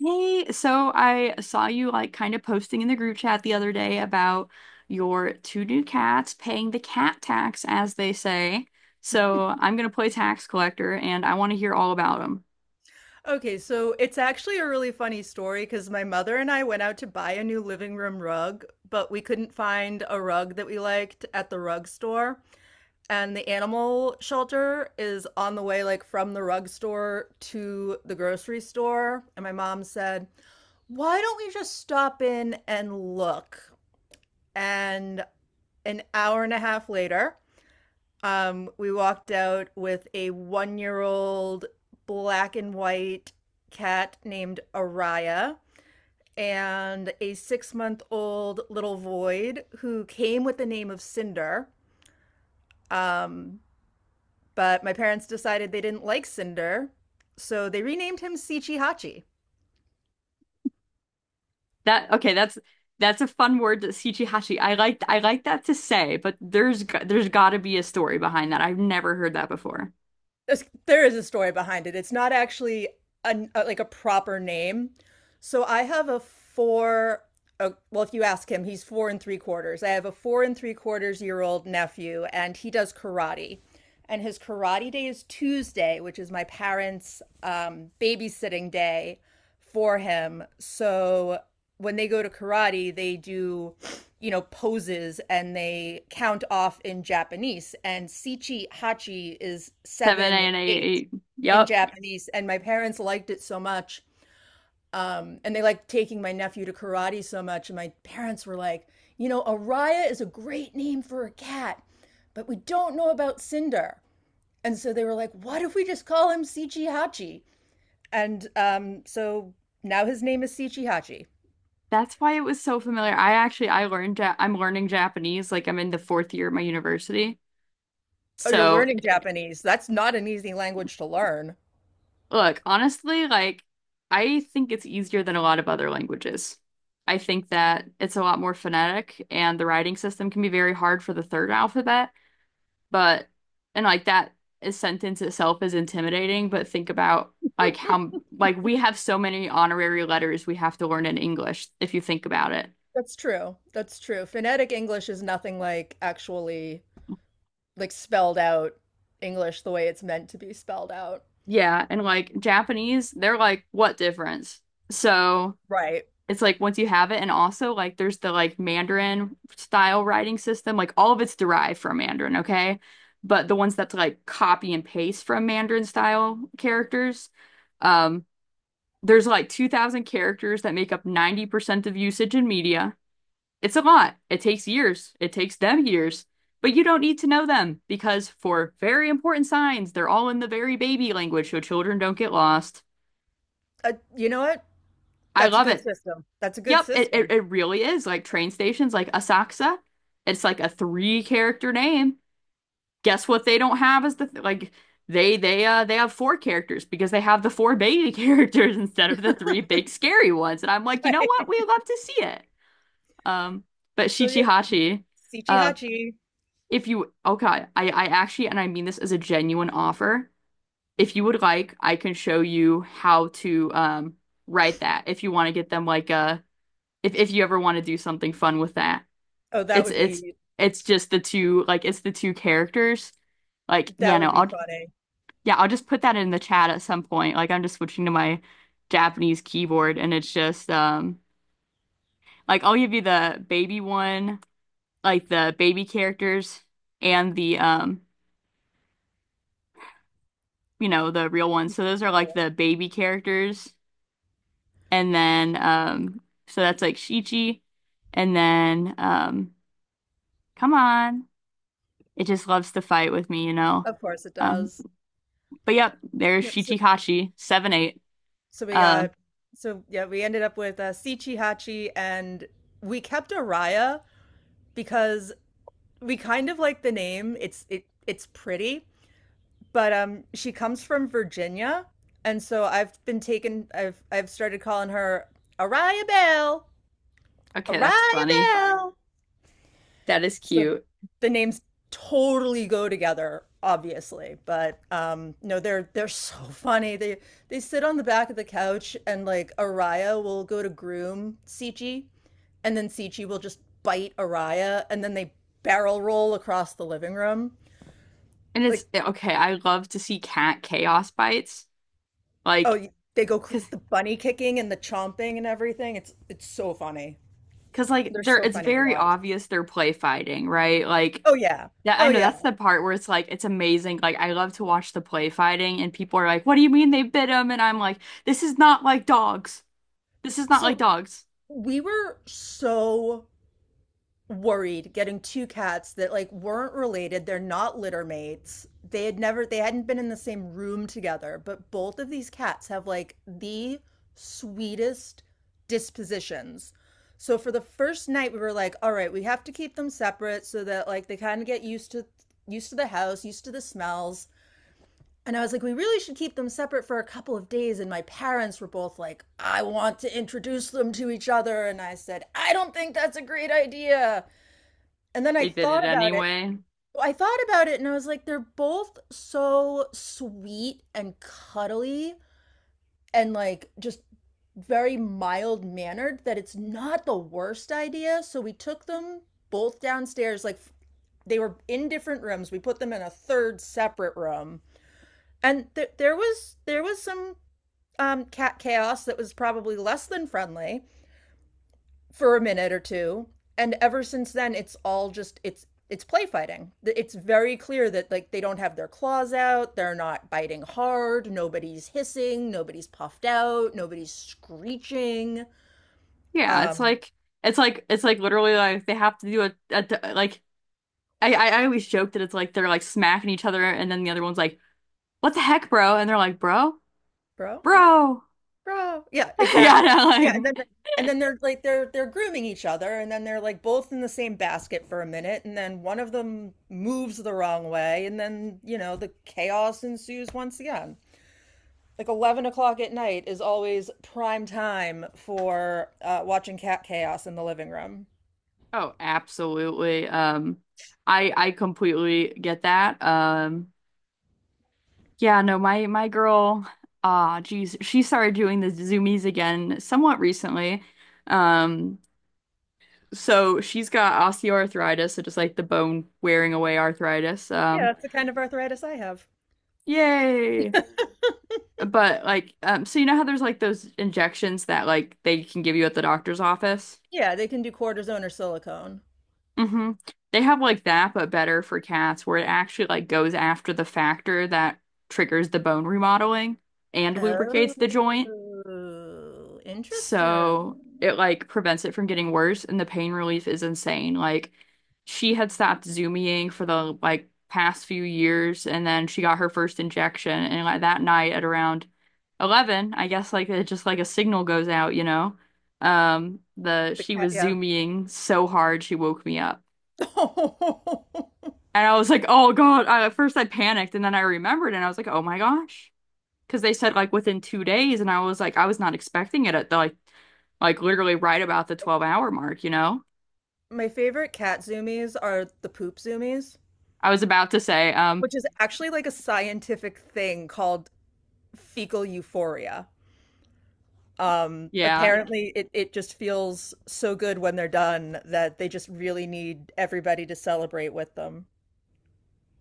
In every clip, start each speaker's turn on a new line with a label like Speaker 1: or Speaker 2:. Speaker 1: Hey, so I saw you like kind of posting in the group chat the other day about your two new cats paying the cat tax, as they say. So I'm gonna play tax collector, and I want to hear all about them.
Speaker 2: Okay, so it's actually a really funny story because my mother and I went out to buy a new living room rug, but we couldn't find a rug that we liked at the rug store. And the animal shelter is on the way, like from the rug store to the grocery store. And my mom said, why don't we just stop in and look? And an hour and a half later, we walked out with a 1 year old black and white cat named Araya and a 6 month old little void who came with the name of Cinder. Um, but my parents decided they didn't like Cinder, so they renamed him Sichi Hachi.
Speaker 1: That okay? That's a fun word, shichihashi. I like that to say, but there's got to be a story behind that. I've never heard that before.
Speaker 2: There is a story behind it. It's not actually an, like a proper name. So I have well, if you ask him, he's four and three quarters. I have a four and three quarters year old nephew, and he does karate. And his karate day is Tuesday, which is my parents' babysitting day for him. So when they go to karate, they do, poses and they count off in Japanese. And Sichi Hachi is
Speaker 1: Seven A
Speaker 2: seven,
Speaker 1: and
Speaker 2: eight
Speaker 1: eight.
Speaker 2: in
Speaker 1: Yep.
Speaker 2: Japanese. And my parents liked it so much. And they liked taking my nephew to karate so much. And my parents were like, you know, Araya is a great name for a cat, but we don't know about Cinder. And so they were like, what if we just call him Sichi Hachi? And so now his name is Sichi Hachi.
Speaker 1: That's why it was so familiar. I learned I'm learning Japanese. Like I'm in the fourth year of my university.
Speaker 2: Oh, you're
Speaker 1: So
Speaker 2: learning Japanese. That's not an easy language to learn.
Speaker 1: look, honestly, like I think it's easier than a lot of other languages. I think that it's a lot more phonetic and the writing system can be very hard for the third alphabet, but and like that is sentence itself is intimidating, but think about like how like we have so many honorary letters we have to learn in English if you think about it.
Speaker 2: That's true. That's true. Phonetic English is nothing like actually like spelled out English the way it's meant to be spelled out.
Speaker 1: Yeah, and like Japanese, they're like what difference? So
Speaker 2: Right.
Speaker 1: it's like once you have it, and also like there's the like Mandarin style writing system, like all of it's derived from Mandarin, okay? But the ones that's like copy and paste from Mandarin style characters, um, there's like 2,000 characters that make up 90% of usage in media. It's a lot. It takes years. It takes them years. But you don't need to know them because for very important signs, they're all in the very baby language so children don't get lost.
Speaker 2: You know what?
Speaker 1: I
Speaker 2: That's a
Speaker 1: love
Speaker 2: good
Speaker 1: it.
Speaker 2: system. That's a good
Speaker 1: Yep, it, it,
Speaker 2: system.
Speaker 1: it really is like train stations, like Asakusa. It's like a three character name. Guess what they don't have is the th like they have four characters because they have the four baby characters instead of the three big scary ones. And I'm like, you know what? We
Speaker 2: Right.
Speaker 1: love to see it. Um, but
Speaker 2: So yeah,
Speaker 1: Shichihachi, uh,
Speaker 2: Hachi.
Speaker 1: if you okay, I actually and I mean this as a genuine offer. If you would like, I can show you how to write that if you want to get them like a if you ever want to do something fun with that.
Speaker 2: Oh, that
Speaker 1: It's
Speaker 2: would
Speaker 1: it's
Speaker 2: be
Speaker 1: it's just the two like it's the two characters. Like yeah,
Speaker 2: that
Speaker 1: no,
Speaker 2: would be
Speaker 1: I'll
Speaker 2: funny.
Speaker 1: yeah, I'll just put that in the chat at some point. Like I'm just switching to my Japanese keyboard and it's just like I'll give you the baby one, like the baby characters and the you know, the real ones. So those are like
Speaker 2: Well,
Speaker 1: the baby characters and then so that's like Shichi and then come on. It just loves to fight with me, you know.
Speaker 2: of course it
Speaker 1: Um
Speaker 2: does.
Speaker 1: But yep, there's
Speaker 2: Yep.
Speaker 1: Shichikashi, 7 8.
Speaker 2: So we got
Speaker 1: Um,
Speaker 2: so yeah, we ended up with Hachi, and we kept Araya because we kind of like the name. It it's pretty, but she comes from Virginia, and so I've been taken I've started calling her Araya Bell.
Speaker 1: okay, that's
Speaker 2: Araya
Speaker 1: funny.
Speaker 2: Bell.
Speaker 1: That is
Speaker 2: So
Speaker 1: cute.
Speaker 2: the names totally go together, obviously. But no, they're so funny. They sit on the back of the couch and like Araya will go to groom Sichi and then Sichi will just bite Araya and then they barrel roll across the living room.
Speaker 1: And it's
Speaker 2: Like
Speaker 1: okay, I love to see cat chaos bites. Like,
Speaker 2: oh, they go cr
Speaker 1: cause
Speaker 2: the bunny kicking and the chomping and everything. It's so funny.
Speaker 1: cause like
Speaker 2: They're
Speaker 1: they're
Speaker 2: so
Speaker 1: it's
Speaker 2: funny to
Speaker 1: very
Speaker 2: watch.
Speaker 1: obvious they're play fighting, right? Like
Speaker 2: Oh yeah.
Speaker 1: that I
Speaker 2: Oh
Speaker 1: know that's
Speaker 2: yeah.
Speaker 1: the part where it's like it's amazing. Like I love to watch the play fighting and people are like, what do you mean they bit him? And I'm like, this is not like dogs. This is not like
Speaker 2: So
Speaker 1: dogs.
Speaker 2: we were so worried getting two cats that like weren't related. They're not litter mates. They hadn't been in the same room together, but both of these cats have like the sweetest dispositions. So for the first night we were like, all right, we have to keep them separate so that like they kind of get used to used to the house, used to the smells. And I was like, we really should keep them separate for a couple of days. And my parents were both like, I want to introduce them to each other. And I said, I don't think that's a great idea. And then I
Speaker 1: They did it
Speaker 2: thought about it.
Speaker 1: anyway.
Speaker 2: Well, I thought about it and I was like, they're both so sweet and cuddly and like just very mild mannered that it's not the worst idea. So we took them both downstairs. Like they were in different rooms. We put them in a third separate room. There was there was some cat chaos that was probably less than friendly for a minute or two, and ever since then it's all just it's play fighting. It's very clear that like they don't have their claws out, they're not biting hard, nobody's hissing, nobody's puffed out, nobody's screeching.
Speaker 1: Yeah, it's
Speaker 2: um
Speaker 1: like it's like literally like they have to do a like I always joke that it's like they're like smacking each other, and then the other one's like, "What the heck, bro?" And they're like, "Bro,
Speaker 2: Bro what,
Speaker 1: bro."
Speaker 2: bro, yeah,
Speaker 1: Yeah,
Speaker 2: exactly,
Speaker 1: no,
Speaker 2: yeah. and then
Speaker 1: like
Speaker 2: and then they're like they're grooming each other, and then they're like both in the same basket for a minute, and then one of them moves the wrong way, and then you know the chaos ensues once again. Like 11 o'clock at night is always prime time for watching cat chaos in the living room.
Speaker 1: oh, absolutely. I completely get that. Yeah, no, my girl, ah, geez, she started doing the zoomies again somewhat recently. Um, so she's got osteoarthritis, so just like the bone wearing away arthritis.
Speaker 2: Yeah, that's the kind of arthritis I have.
Speaker 1: Yay. But like, so you know how there's like those injections that like they can give you at the doctor's office?
Speaker 2: Yeah, they can do cortisone or silicone.
Speaker 1: Hmm. They have like that, but better for cats, where it actually like goes after the factor that triggers the bone remodeling and lubricates the joint.
Speaker 2: Oh, interesting.
Speaker 1: So it like prevents it from getting worse and the pain relief is insane. Like she had stopped Zumying for the like past few years and then she got her first injection and like that night at around 11, I guess like it just like a signal goes out, you know. The
Speaker 2: The
Speaker 1: she
Speaker 2: cat,
Speaker 1: was
Speaker 2: yeah.
Speaker 1: Zumying so hard she woke me up. And I was like, "Oh God." At first I panicked and then I remembered and I was like, "Oh my gosh," because they said like within 2 days, and I was like, I was not expecting it at the like literally right about the 12-hour mark, you know?
Speaker 2: My favorite cat zoomies are the poop zoomies,
Speaker 1: I was about to say,
Speaker 2: which is actually like a scientific thing called fecal euphoria.
Speaker 1: yeah,
Speaker 2: Apparently, it just feels so good when they're done that they just really need everybody to celebrate with them.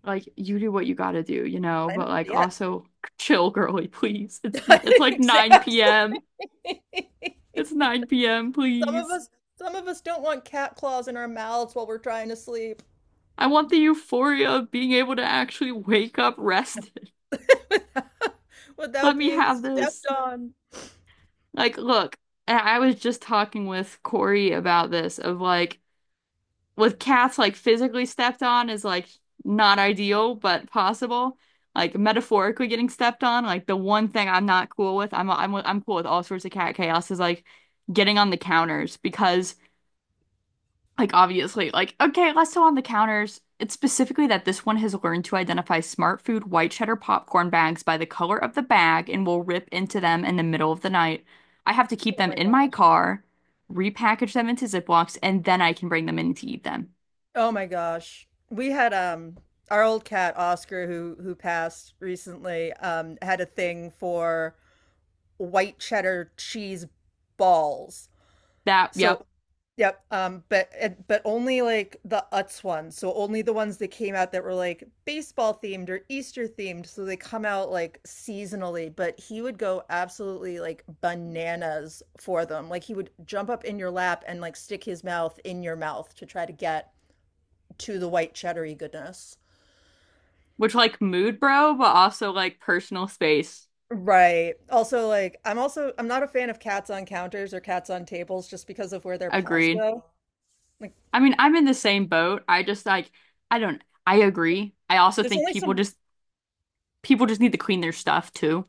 Speaker 1: like you do what you gotta do, you know,
Speaker 2: I know,
Speaker 1: but like
Speaker 2: yeah,
Speaker 1: also chill, girly, please. It's like 9
Speaker 2: exactly.
Speaker 1: p.m. It's 9 p.m.,
Speaker 2: Some of
Speaker 1: please.
Speaker 2: us, some of us don't want cat claws in our mouths while we're trying to sleep
Speaker 1: I want the euphoria of being able to actually wake up rested.
Speaker 2: without,
Speaker 1: Let
Speaker 2: without
Speaker 1: me
Speaker 2: being
Speaker 1: have
Speaker 2: stepped
Speaker 1: this.
Speaker 2: on.
Speaker 1: Like, look, and I was just talking with Corey about this of like with cats like physically stepped on is like not ideal but possible, like metaphorically getting stepped on, like the one thing I'm not cool with, I'm cool with all sorts of cat chaos, is like getting on the counters. Because like obviously like okay let's go on the counters, it's specifically that this one has learned to identify Smart Food white cheddar popcorn bags by the color of the bag and will rip into them in the middle of the night. I have to keep
Speaker 2: Oh
Speaker 1: them
Speaker 2: my
Speaker 1: in my
Speaker 2: God.
Speaker 1: car, repackage them into Ziplocs, and then I can bring them in to eat them.
Speaker 2: Oh my gosh. We had our old cat Oscar who passed recently had a thing for white cheddar cheese balls.
Speaker 1: That, yep.
Speaker 2: So yep, but only like the Utz ones. So only the ones that came out that were like baseball themed or Easter themed. So they come out like seasonally, but he would go absolutely like bananas for them. Like he would jump up in your lap and like stick his mouth in your mouth to try to get to the white cheddary goodness.
Speaker 1: Which like mood, bro, but also like personal space.
Speaker 2: Right. Also, like, I'm not a fan of cats on counters or cats on tables just because of where their paws
Speaker 1: Agreed.
Speaker 2: go. Like,
Speaker 1: I mean, I'm in the same boat. I just like I don't, I agree. I also
Speaker 2: there's
Speaker 1: think
Speaker 2: only some.
Speaker 1: people just need to clean their stuff too.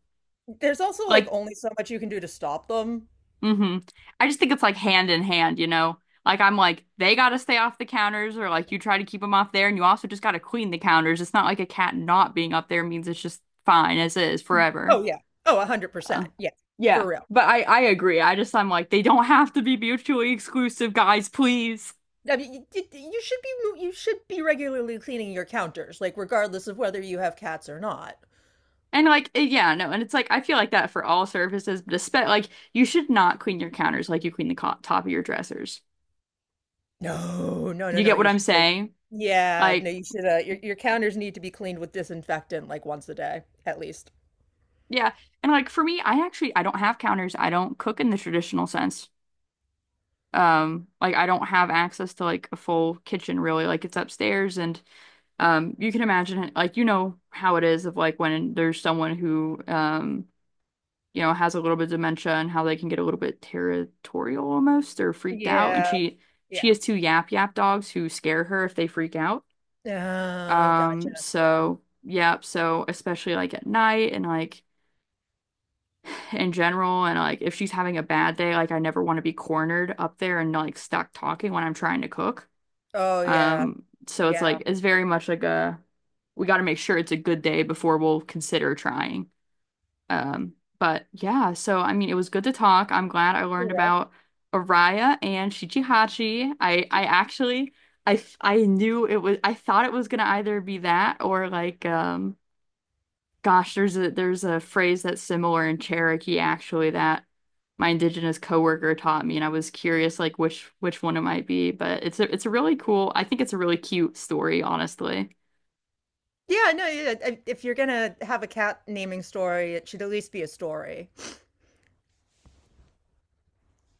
Speaker 2: There's also like
Speaker 1: Like,
Speaker 2: only so much you can do to stop them.
Speaker 1: mm-hmm. I just think it's like hand in hand, you know? Like I'm like they gotta stay off the counters, or like you try to keep them off there and you also just gotta clean the counters. It's not like a cat not being up there means it's just fine as is forever.
Speaker 2: Oh yeah. Oh, one hundred
Speaker 1: Uh,
Speaker 2: percent. Yeah,
Speaker 1: yeah,
Speaker 2: for real.
Speaker 1: but I agree. I just I'm like they don't have to be mutually exclusive, guys, please.
Speaker 2: I mean, you you should be you should be regularly cleaning your counters, like regardless of whether you have cats or not.
Speaker 1: And like, eh, yeah, no, and it's like I feel like that for all surfaces, but especially like you should not clean your counters like you clean the co top of your dressers.
Speaker 2: No, no, no,
Speaker 1: You
Speaker 2: no.
Speaker 1: get what
Speaker 2: You
Speaker 1: I'm
Speaker 2: should. Like,
Speaker 1: saying?
Speaker 2: yeah, no,
Speaker 1: Like,
Speaker 2: you should. Your counters need to be cleaned with disinfectant like once a day at least.
Speaker 1: yeah, and like for me, I don't have counters. I don't cook in the traditional sense. Like I don't have access to like a full kitchen really. Like it's upstairs, and you can imagine like you know how it is of like when there's someone who you know, has a little bit of dementia and how they can get a little bit territorial almost or freaked out. And
Speaker 2: Yeah,
Speaker 1: she
Speaker 2: yeah.
Speaker 1: has two yap yap dogs who scare her if they freak out.
Speaker 2: Oh, gotcha. Yeah.
Speaker 1: So yeah, so especially like at night and like in general and like if she's having a bad day, like I never want to be cornered up there and like stuck talking when I'm trying to cook.
Speaker 2: Oh, yeah.
Speaker 1: So it's
Speaker 2: Yeah.
Speaker 1: like it's very much like a we got to make sure it's a good day before we'll consider trying. But yeah, so I mean, it was good to talk. I'm glad I
Speaker 2: For
Speaker 1: learned
Speaker 2: real.
Speaker 1: about Araya and Shichihachi. I
Speaker 2: She
Speaker 1: I actually I knew it was I thought it was gonna either be that or like gosh, there's a phrase that's similar in Cherokee actually that my indigenous coworker taught me and I was curious like which one it might be, but it's a really cool, I think it's a really cute story, honestly.
Speaker 2: yeah, no, yeah, I if you're gonna have a cat naming story, it should at least be a story.